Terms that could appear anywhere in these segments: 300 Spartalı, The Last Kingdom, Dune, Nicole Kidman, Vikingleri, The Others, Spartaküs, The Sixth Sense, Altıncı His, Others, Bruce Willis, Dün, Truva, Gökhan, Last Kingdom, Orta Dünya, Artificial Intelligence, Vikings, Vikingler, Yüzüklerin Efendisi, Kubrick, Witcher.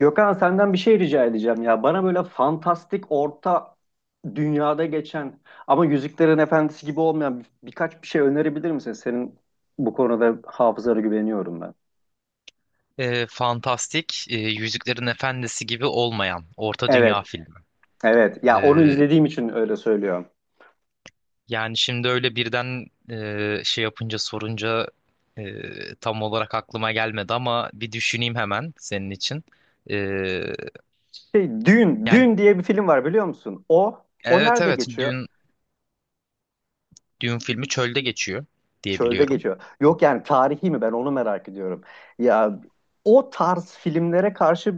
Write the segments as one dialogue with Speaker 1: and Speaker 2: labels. Speaker 1: Gökhan senden bir şey rica edeceğim ya. Bana böyle fantastik orta dünyada geçen ama Yüzüklerin Efendisi gibi olmayan birkaç bir şey önerebilir misin? Senin bu konuda hafızana güveniyorum ben.
Speaker 2: Fantastik, Yüzüklerin Efendisi gibi olmayan Orta
Speaker 1: Evet,
Speaker 2: Dünya filmi.
Speaker 1: evet. Ya onu
Speaker 2: E,
Speaker 1: izlediğim için öyle söylüyorum.
Speaker 2: Yani şimdi öyle birden şey yapınca sorunca tam olarak aklıma gelmedi ama bir düşüneyim hemen senin için. E,
Speaker 1: Şey,
Speaker 2: yani
Speaker 1: Dün diye bir film var biliyor musun? O, o
Speaker 2: evet
Speaker 1: nerede
Speaker 2: evet
Speaker 1: geçiyor?
Speaker 2: Dün Dün filmi çölde geçiyor diye
Speaker 1: Çölde
Speaker 2: biliyorum.
Speaker 1: geçiyor. Yok yani tarihi mi ben onu merak ediyorum. Ya o tarz filmlere karşı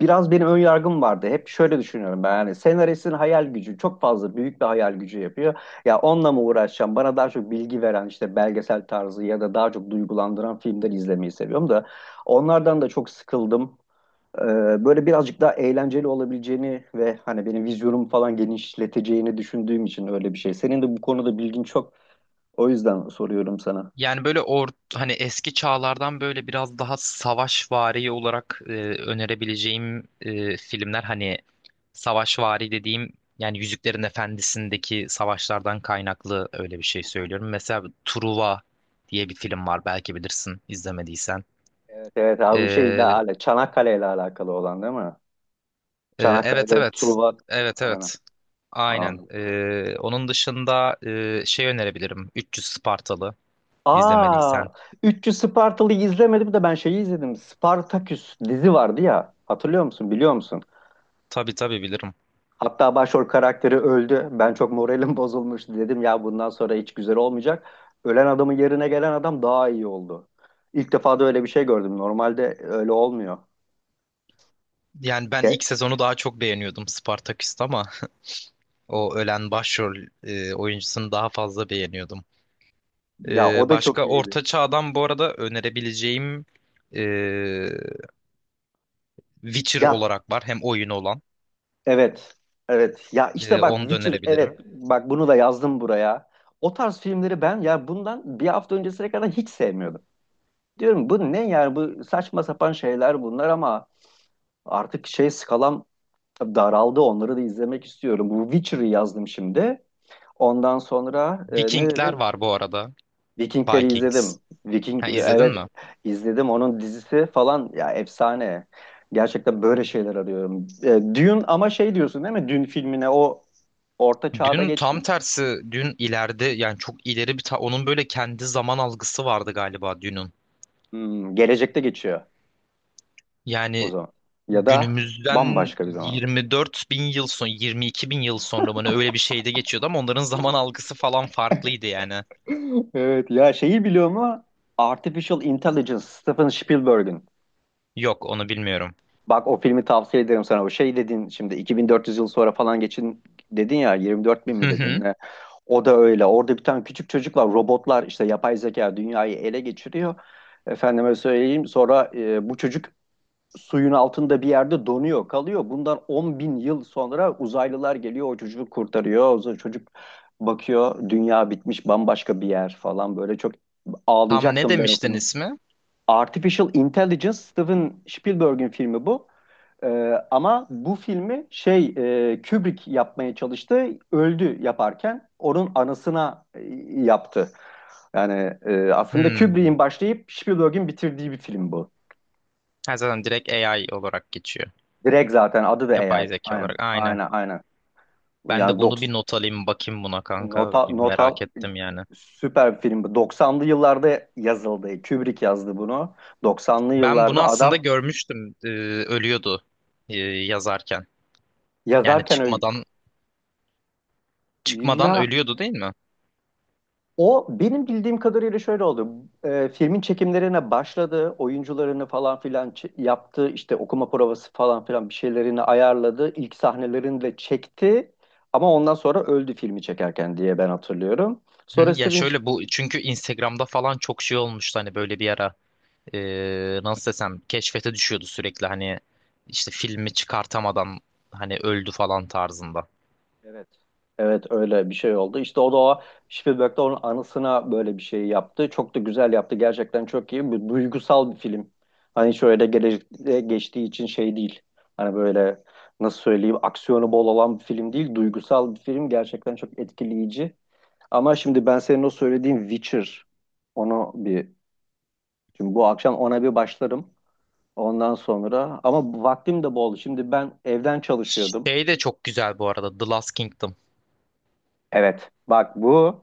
Speaker 1: biraz benim ön yargım vardı. Hep şöyle düşünüyorum ben yani senaristin hayal gücü çok fazla büyük bir hayal gücü yapıyor. Ya onunla mı uğraşacağım? Bana daha çok bilgi veren işte belgesel tarzı ya da daha çok duygulandıran filmler izlemeyi seviyorum da onlardan da çok sıkıldım. Böyle birazcık daha eğlenceli olabileceğini ve hani benim vizyonumu falan genişleteceğini düşündüğüm için öyle bir şey. Senin de bu konuda bilgin çok. O yüzden soruyorum sana.
Speaker 2: Yani böyle or hani eski çağlardan böyle biraz daha savaşvari olarak önerebileceğim filmler, hani savaşvari dediğim, yani Yüzüklerin Efendisi'ndeki savaşlardan kaynaklı öyle bir şey söylüyorum. Mesela Truva diye bir film var, belki bilirsin, izlemediysen.
Speaker 1: Evet, evet abi bu şeyle
Speaker 2: E,
Speaker 1: alakalı. Çanakkale ile alakalı olan değil mi?
Speaker 2: evet
Speaker 1: Çanakkale'de
Speaker 2: evet
Speaker 1: Truva.
Speaker 2: evet
Speaker 1: Aynen.
Speaker 2: evet, aynen.
Speaker 1: Anladım.
Speaker 2: Onun dışında şey önerebilirim, 300 Spartalı,
Speaker 1: Aa,
Speaker 2: izlemediysen.
Speaker 1: 300 Spartalı'yı izlemedim de ben şeyi izledim. Spartaküs dizi vardı ya. Hatırlıyor musun? Biliyor musun?
Speaker 2: Tabii tabii bilirim.
Speaker 1: Hatta başrol karakteri öldü. Ben çok moralim bozulmuştu. Dedim ya bundan sonra hiç güzel olmayacak. Ölen adamın yerine gelen adam daha iyi oldu. İlk defa da öyle bir şey gördüm. Normalde öyle olmuyor.
Speaker 2: Yani ben
Speaker 1: Ya,
Speaker 2: ilk sezonu daha çok beğeniyordum Spartaküs'te ama o ölen başrol oyuncusunu daha fazla beğeniyordum.
Speaker 1: ya, o da çok
Speaker 2: Başka
Speaker 1: iyiydi.
Speaker 2: Orta Çağ'dan bu arada önerebileceğim e, Witcher
Speaker 1: Ya
Speaker 2: olarak var. Hem oyunu olan.
Speaker 1: evet. Evet. Ya işte bak
Speaker 2: Onu da
Speaker 1: Witcher evet.
Speaker 2: önerebilirim.
Speaker 1: Bak bunu da yazdım buraya. O tarz filmleri ben ya bundan bir hafta öncesine kadar hiç sevmiyordum. Diyorum bu ne yani bu saçma sapan şeyler bunlar ama artık şey skalam daraldı. Onları da izlemek istiyorum. Bu Witcher'ı yazdım şimdi. Ondan sonra ne
Speaker 2: Vikingler
Speaker 1: dedin?
Speaker 2: var bu arada.
Speaker 1: Vikingleri izledim.
Speaker 2: Vikings.
Speaker 1: Viking
Speaker 2: Ha, izledin
Speaker 1: evet
Speaker 2: mi?
Speaker 1: izledim. Onun dizisi falan ya efsane. Gerçekten böyle şeyler arıyorum. E, Dune ama şey diyorsun değil mi? Dune filmine o orta çağda
Speaker 2: Dün tam
Speaker 1: geçmiyor.
Speaker 2: tersi, dün ileride, yani çok ileri bir onun böyle kendi zaman algısı vardı galiba Dün'ün.
Speaker 1: Hmm, gelecekte geçiyor o
Speaker 2: Yani
Speaker 1: zaman. Ya da
Speaker 2: günümüzden
Speaker 1: bambaşka bir zaman.
Speaker 2: 24 bin yıl 22 bin yıl sonra mı ne, öyle bir şeyde geçiyordu ama onların zaman algısı falan farklıydı yani.
Speaker 1: Evet ya şeyi biliyor mu? Artificial Intelligence Steven Spielberg'in.
Speaker 2: Yok, onu bilmiyorum.
Speaker 1: Bak o filmi tavsiye ederim sana. O şey dedin şimdi 2400 yıl sonra falan geçin dedin ya 24 bin
Speaker 2: Hı
Speaker 1: mi dedin?
Speaker 2: hı.
Speaker 1: O da öyle. Orada bir tane küçük çocuk var. Robotlar işte yapay zeka dünyayı ele geçiriyor. Efendime söyleyeyim. Sonra bu çocuk suyun altında bir yerde donuyor, kalıyor. Bundan 10 bin yıl sonra uzaylılar geliyor, o çocuğu kurtarıyor. O zaman çocuk bakıyor, dünya bitmiş, bambaşka bir yer falan. Böyle çok
Speaker 2: Tam ne
Speaker 1: ağlayacaktım ben o
Speaker 2: demiştin
Speaker 1: film.
Speaker 2: ismi?
Speaker 1: Artificial Intelligence, Steven Spielberg'in filmi bu. Ee, ama bu filmi şey Kubrick yapmaya çalıştı. Öldü yaparken. Onun anısına yaptı. Yani aslında
Speaker 2: Hmm.
Speaker 1: Kubrick'in başlayıp Spielberg'in bitirdiği bir film bu.
Speaker 2: Ha, zaten direkt AI olarak geçiyor.
Speaker 1: Direkt zaten adı da
Speaker 2: Yapay
Speaker 1: AI.
Speaker 2: zeka
Speaker 1: Aynen.
Speaker 2: olarak, aynen.
Speaker 1: Aynen.
Speaker 2: Ben de
Speaker 1: Yani
Speaker 2: bunu
Speaker 1: 90
Speaker 2: bir not alayım, bakayım buna kanka. Bir
Speaker 1: Notal
Speaker 2: merak ettim yani.
Speaker 1: süper bir film. Bu. 90'lı yıllarda yazıldı. Kubrick yazdı bunu. Doksanlı
Speaker 2: Ben bunu
Speaker 1: yıllarda
Speaker 2: aslında
Speaker 1: adam
Speaker 2: görmüştüm. Ölüyordu yazarken. Yani
Speaker 1: yazarken öyle,
Speaker 2: çıkmadan
Speaker 1: ya
Speaker 2: ölüyordu değil mi?
Speaker 1: O benim bildiğim kadarıyla şöyle oldu. Filmin çekimlerine başladı, oyuncularını falan filan yaptı, işte okuma provası falan filan bir şeylerini ayarladı, ilk sahnelerini de çekti. Ama ondan sonra öldü filmi çekerken diye ben hatırlıyorum.
Speaker 2: Hı hı.
Speaker 1: Sonra
Speaker 2: Ya
Speaker 1: Steven
Speaker 2: şöyle, bu çünkü Instagram'da falan çok şey olmuştu hani, böyle bir ara nasıl desem, keşfete düşüyordu sürekli, hani işte filmi çıkartamadan hani öldü falan tarzında.
Speaker 1: evet. Evet öyle bir şey oldu. İşte o da o Spielberg'de onun anısına böyle bir şey yaptı. Çok da güzel yaptı. Gerçekten çok iyi. Bir duygusal bir film. Hani şöyle gelecekte geçtiği için şey değil. Hani böyle nasıl söyleyeyim aksiyonu bol olan bir film değil. Duygusal bir film. Gerçekten çok etkileyici. Ama şimdi ben senin o söylediğin Witcher onu bir şimdi bu akşam ona bir başlarım. Ondan sonra ama vaktim de bol. Şimdi ben evden çalışıyordum.
Speaker 2: Şey de çok güzel bu arada, The Last Kingdom.
Speaker 1: Evet. Bak bu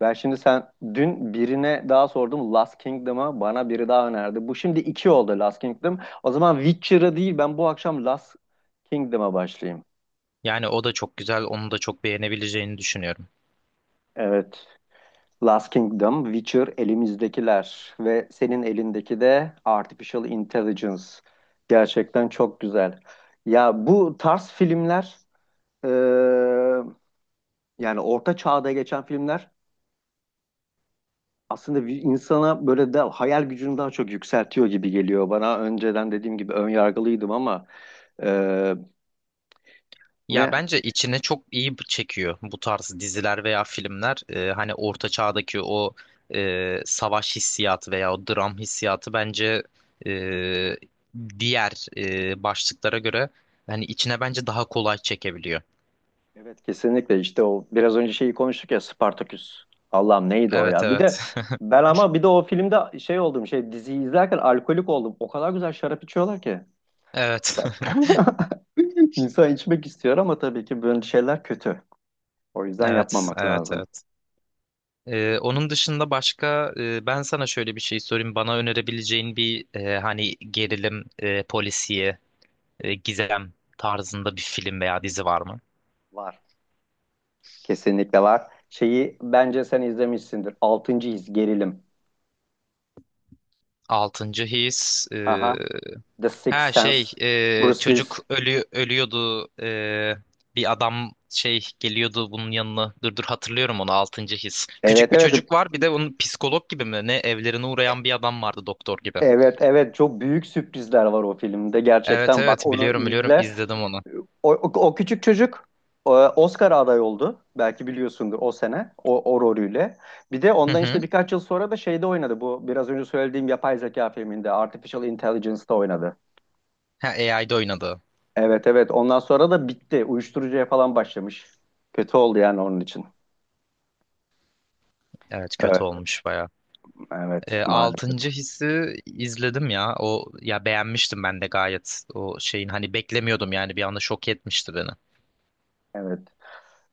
Speaker 1: ben şimdi sen dün birine daha sordum Last Kingdom'a bana biri daha önerdi. Bu şimdi iki oldu Last Kingdom. O zaman Witcher'a değil ben bu akşam Last Kingdom'a başlayayım.
Speaker 2: Yani o da çok güzel, onu da çok beğenebileceğini düşünüyorum.
Speaker 1: Evet. Last Kingdom, Witcher elimizdekiler ve senin elindeki de Artificial Intelligence. Gerçekten çok güzel. Ya bu tarz filmler eee, yani orta çağda geçen filmler aslında bir insana böyle de hayal gücünü daha çok yükseltiyor gibi geliyor bana. Önceden dediğim gibi ön yargılıydım ama e,
Speaker 2: Ya
Speaker 1: ne?
Speaker 2: bence içine çok iyi çekiyor bu tarz diziler veya filmler. Hani orta çağdaki o savaş hissiyatı veya o dram hissiyatı bence e, diğer başlıklara göre hani içine bence daha kolay çekebiliyor.
Speaker 1: Evet kesinlikle işte o biraz önce şeyi konuştuk ya Spartaküs. Allah'ım neydi o
Speaker 2: Evet
Speaker 1: ya? Bir
Speaker 2: evet.
Speaker 1: de ben ama bir de o filmde şey oldum şey diziyi izlerken alkolik oldum. O kadar güzel şarap içiyorlar ki.
Speaker 2: Evet.
Speaker 1: Ben- İnsan içmek istiyor ama tabii ki böyle şeyler kötü. O yüzden
Speaker 2: Evet,
Speaker 1: yapmamak
Speaker 2: evet,
Speaker 1: lazım.
Speaker 2: evet. Onun dışında başka, ben sana şöyle bir şey sorayım. Bana önerebileceğin bir, hani gerilim, polisiye, gizem tarzında bir film veya dizi var mı?
Speaker 1: Var. Kesinlikle var. Şeyi bence sen izlemişsindir. Altıncı his gerilim.
Speaker 2: Altıncı his.
Speaker 1: The Sixth
Speaker 2: Ha şey,
Speaker 1: Sense, Bruce
Speaker 2: çocuk
Speaker 1: Willis.
Speaker 2: ölüyordu, bir adam şey, geliyordu bunun yanına. Dur, hatırlıyorum onu, altıncı his.
Speaker 1: Evet
Speaker 2: Küçük bir
Speaker 1: evet
Speaker 2: çocuk var, bir de onun psikolog gibi mi ne, evlerine uğrayan bir adam vardı, doktor gibi.
Speaker 1: evet, evet, çok büyük sürprizler var o filmde
Speaker 2: Evet
Speaker 1: gerçekten bak
Speaker 2: evet,
Speaker 1: onu
Speaker 2: biliyorum biliyorum,
Speaker 1: izle.
Speaker 2: izledim onu.
Speaker 1: O küçük çocuk Oscar aday oldu. Belki biliyorsundur o sene o, o rolüyle. Bir de
Speaker 2: Hı
Speaker 1: ondan
Speaker 2: hı.
Speaker 1: işte birkaç yıl sonra da şeyde oynadı bu biraz önce söylediğim yapay zeka filminde Artificial Intelligence'da oynadı.
Speaker 2: Ha, AI'de oynadı.
Speaker 1: Evet evet ondan sonra da bitti. Uyuşturucuya falan başlamış. Kötü oldu yani onun için.
Speaker 2: Evet, kötü
Speaker 1: Evet,
Speaker 2: olmuş baya.
Speaker 1: evet maalesef.
Speaker 2: Altıncı hissi izledim ya. O, ya beğenmiştim ben de gayet. O şeyin, hani beklemiyordum, yani bir anda şok etmişti beni.
Speaker 1: Evet.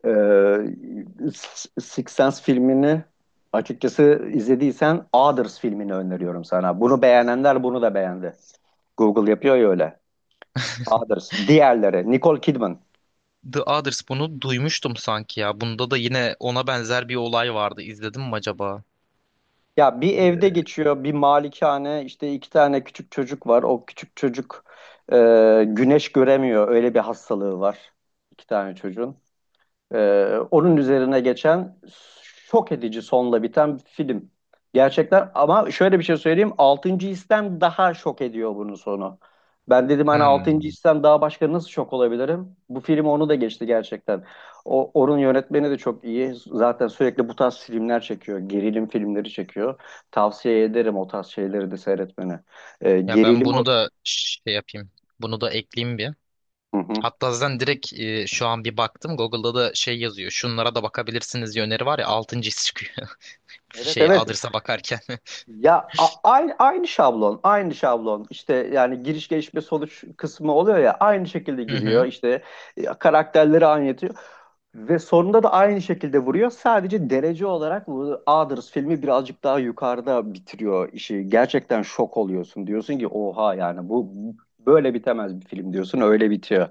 Speaker 1: Ee, Six Sense filmini açıkçası izlediysen Others filmini öneriyorum sana. Bunu beğenenler bunu da beğendi. Google yapıyor ya öyle. Others. Diğerleri. Nicole Kidman.
Speaker 2: The Others, bunu duymuştum sanki ya. Bunda da yine ona benzer bir olay vardı. İzledim mi acaba?
Speaker 1: Ya bir
Speaker 2: Ee,
Speaker 1: evde geçiyor, bir malikane, işte iki tane küçük çocuk var. O küçük çocuk e, güneş göremiyor. Öyle bir hastalığı var. İki tane çocuğun. Onun üzerine geçen şok edici sonla biten bir film. Gerçekten ama şöyle bir şey söyleyeyim. Altıncı histen daha şok ediyor bunun sonu. Ben dedim hani altıncı
Speaker 2: Hmm.
Speaker 1: histen daha başka nasıl şok olabilirim? Bu film onu da geçti gerçekten. Onun yönetmeni de çok iyi. Zaten sürekli bu tarz filmler çekiyor. Gerilim filmleri çekiyor. Tavsiye ederim o tarz şeyleri de seyretmeni.
Speaker 2: Ya ben
Speaker 1: Gerilim o.
Speaker 2: bunu da şey yapayım. Bunu da ekleyeyim bir.
Speaker 1: Hı hı.
Speaker 2: Hatta zaten direkt, şu an bir baktım, Google'da da şey yazıyor, şunlara da bakabilirsiniz diye öneri var ya, altıncı his çıkıyor.
Speaker 1: Evet
Speaker 2: Şey,
Speaker 1: evet
Speaker 2: Others'a bakarken.
Speaker 1: ya aynı şablon, aynı şablon. İşte yani giriş gelişme sonuç kısmı oluyor ya aynı şekilde
Speaker 2: Hı
Speaker 1: giriyor.
Speaker 2: hı.
Speaker 1: İşte karakterleri anlatıyor ve sonunda da aynı şekilde vuruyor. Sadece derece olarak bu Others filmi birazcık daha yukarıda bitiriyor işi. Gerçekten şok oluyorsun. Diyorsun ki oha yani bu böyle bitemez bir film diyorsun. Öyle bitiyor.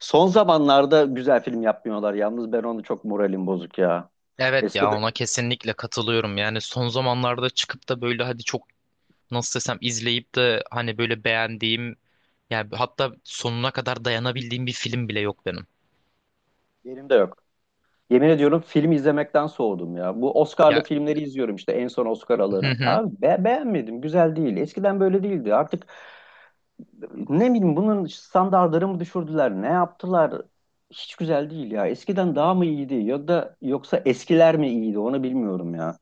Speaker 1: Son zamanlarda güzel film yapmıyorlar yalnız ben onu çok moralim bozuk ya.
Speaker 2: Evet ya,
Speaker 1: Eskide
Speaker 2: ona kesinlikle katılıyorum. Yani son zamanlarda çıkıp da böyle hadi çok, nasıl desem, izleyip de hani böyle beğendiğim, yani hatta sonuna kadar dayanabildiğim bir film bile yok benim.
Speaker 1: yerimde yok. Yemin ediyorum film izlemekten soğudum ya. Bu Oscar'lı
Speaker 2: Ya,
Speaker 1: filmleri izliyorum işte en son Oscar
Speaker 2: hı
Speaker 1: alanı.
Speaker 2: hı.
Speaker 1: Ya beğenmedim, güzel değil. Eskiden böyle değildi. Artık ne bileyim bunun standartları mı düşürdüler, ne yaptılar? Hiç güzel değil ya. Eskiden daha mı iyiydi ya da yoksa eskiler mi iyiydi onu bilmiyorum ya.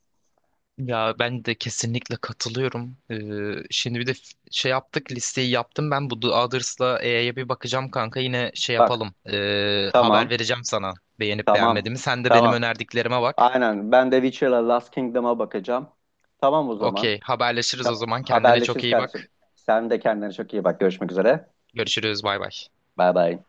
Speaker 2: Ya ben de kesinlikle katılıyorum. Şimdi bir de şey yaptık, listeyi yaptım ben, bu The Others'la E'ye bir bakacağım kanka, yine şey
Speaker 1: Bak
Speaker 2: yapalım. Haber
Speaker 1: tamam,
Speaker 2: vereceğim sana beğenip
Speaker 1: tamam,
Speaker 2: beğenmediğimi. Sen de benim
Speaker 1: tamam.
Speaker 2: önerdiklerime bak.
Speaker 1: Aynen ben de Witcher'la Last Kingdom'a bakacağım. Tamam o zaman.
Speaker 2: Okey, haberleşiriz o zaman, kendine çok
Speaker 1: Haberleşiriz
Speaker 2: iyi
Speaker 1: kardeşim.
Speaker 2: bak.
Speaker 1: Sen de kendine çok iyi bak. Görüşmek üzere.
Speaker 2: Görüşürüz, bay bay.
Speaker 1: Bay bay.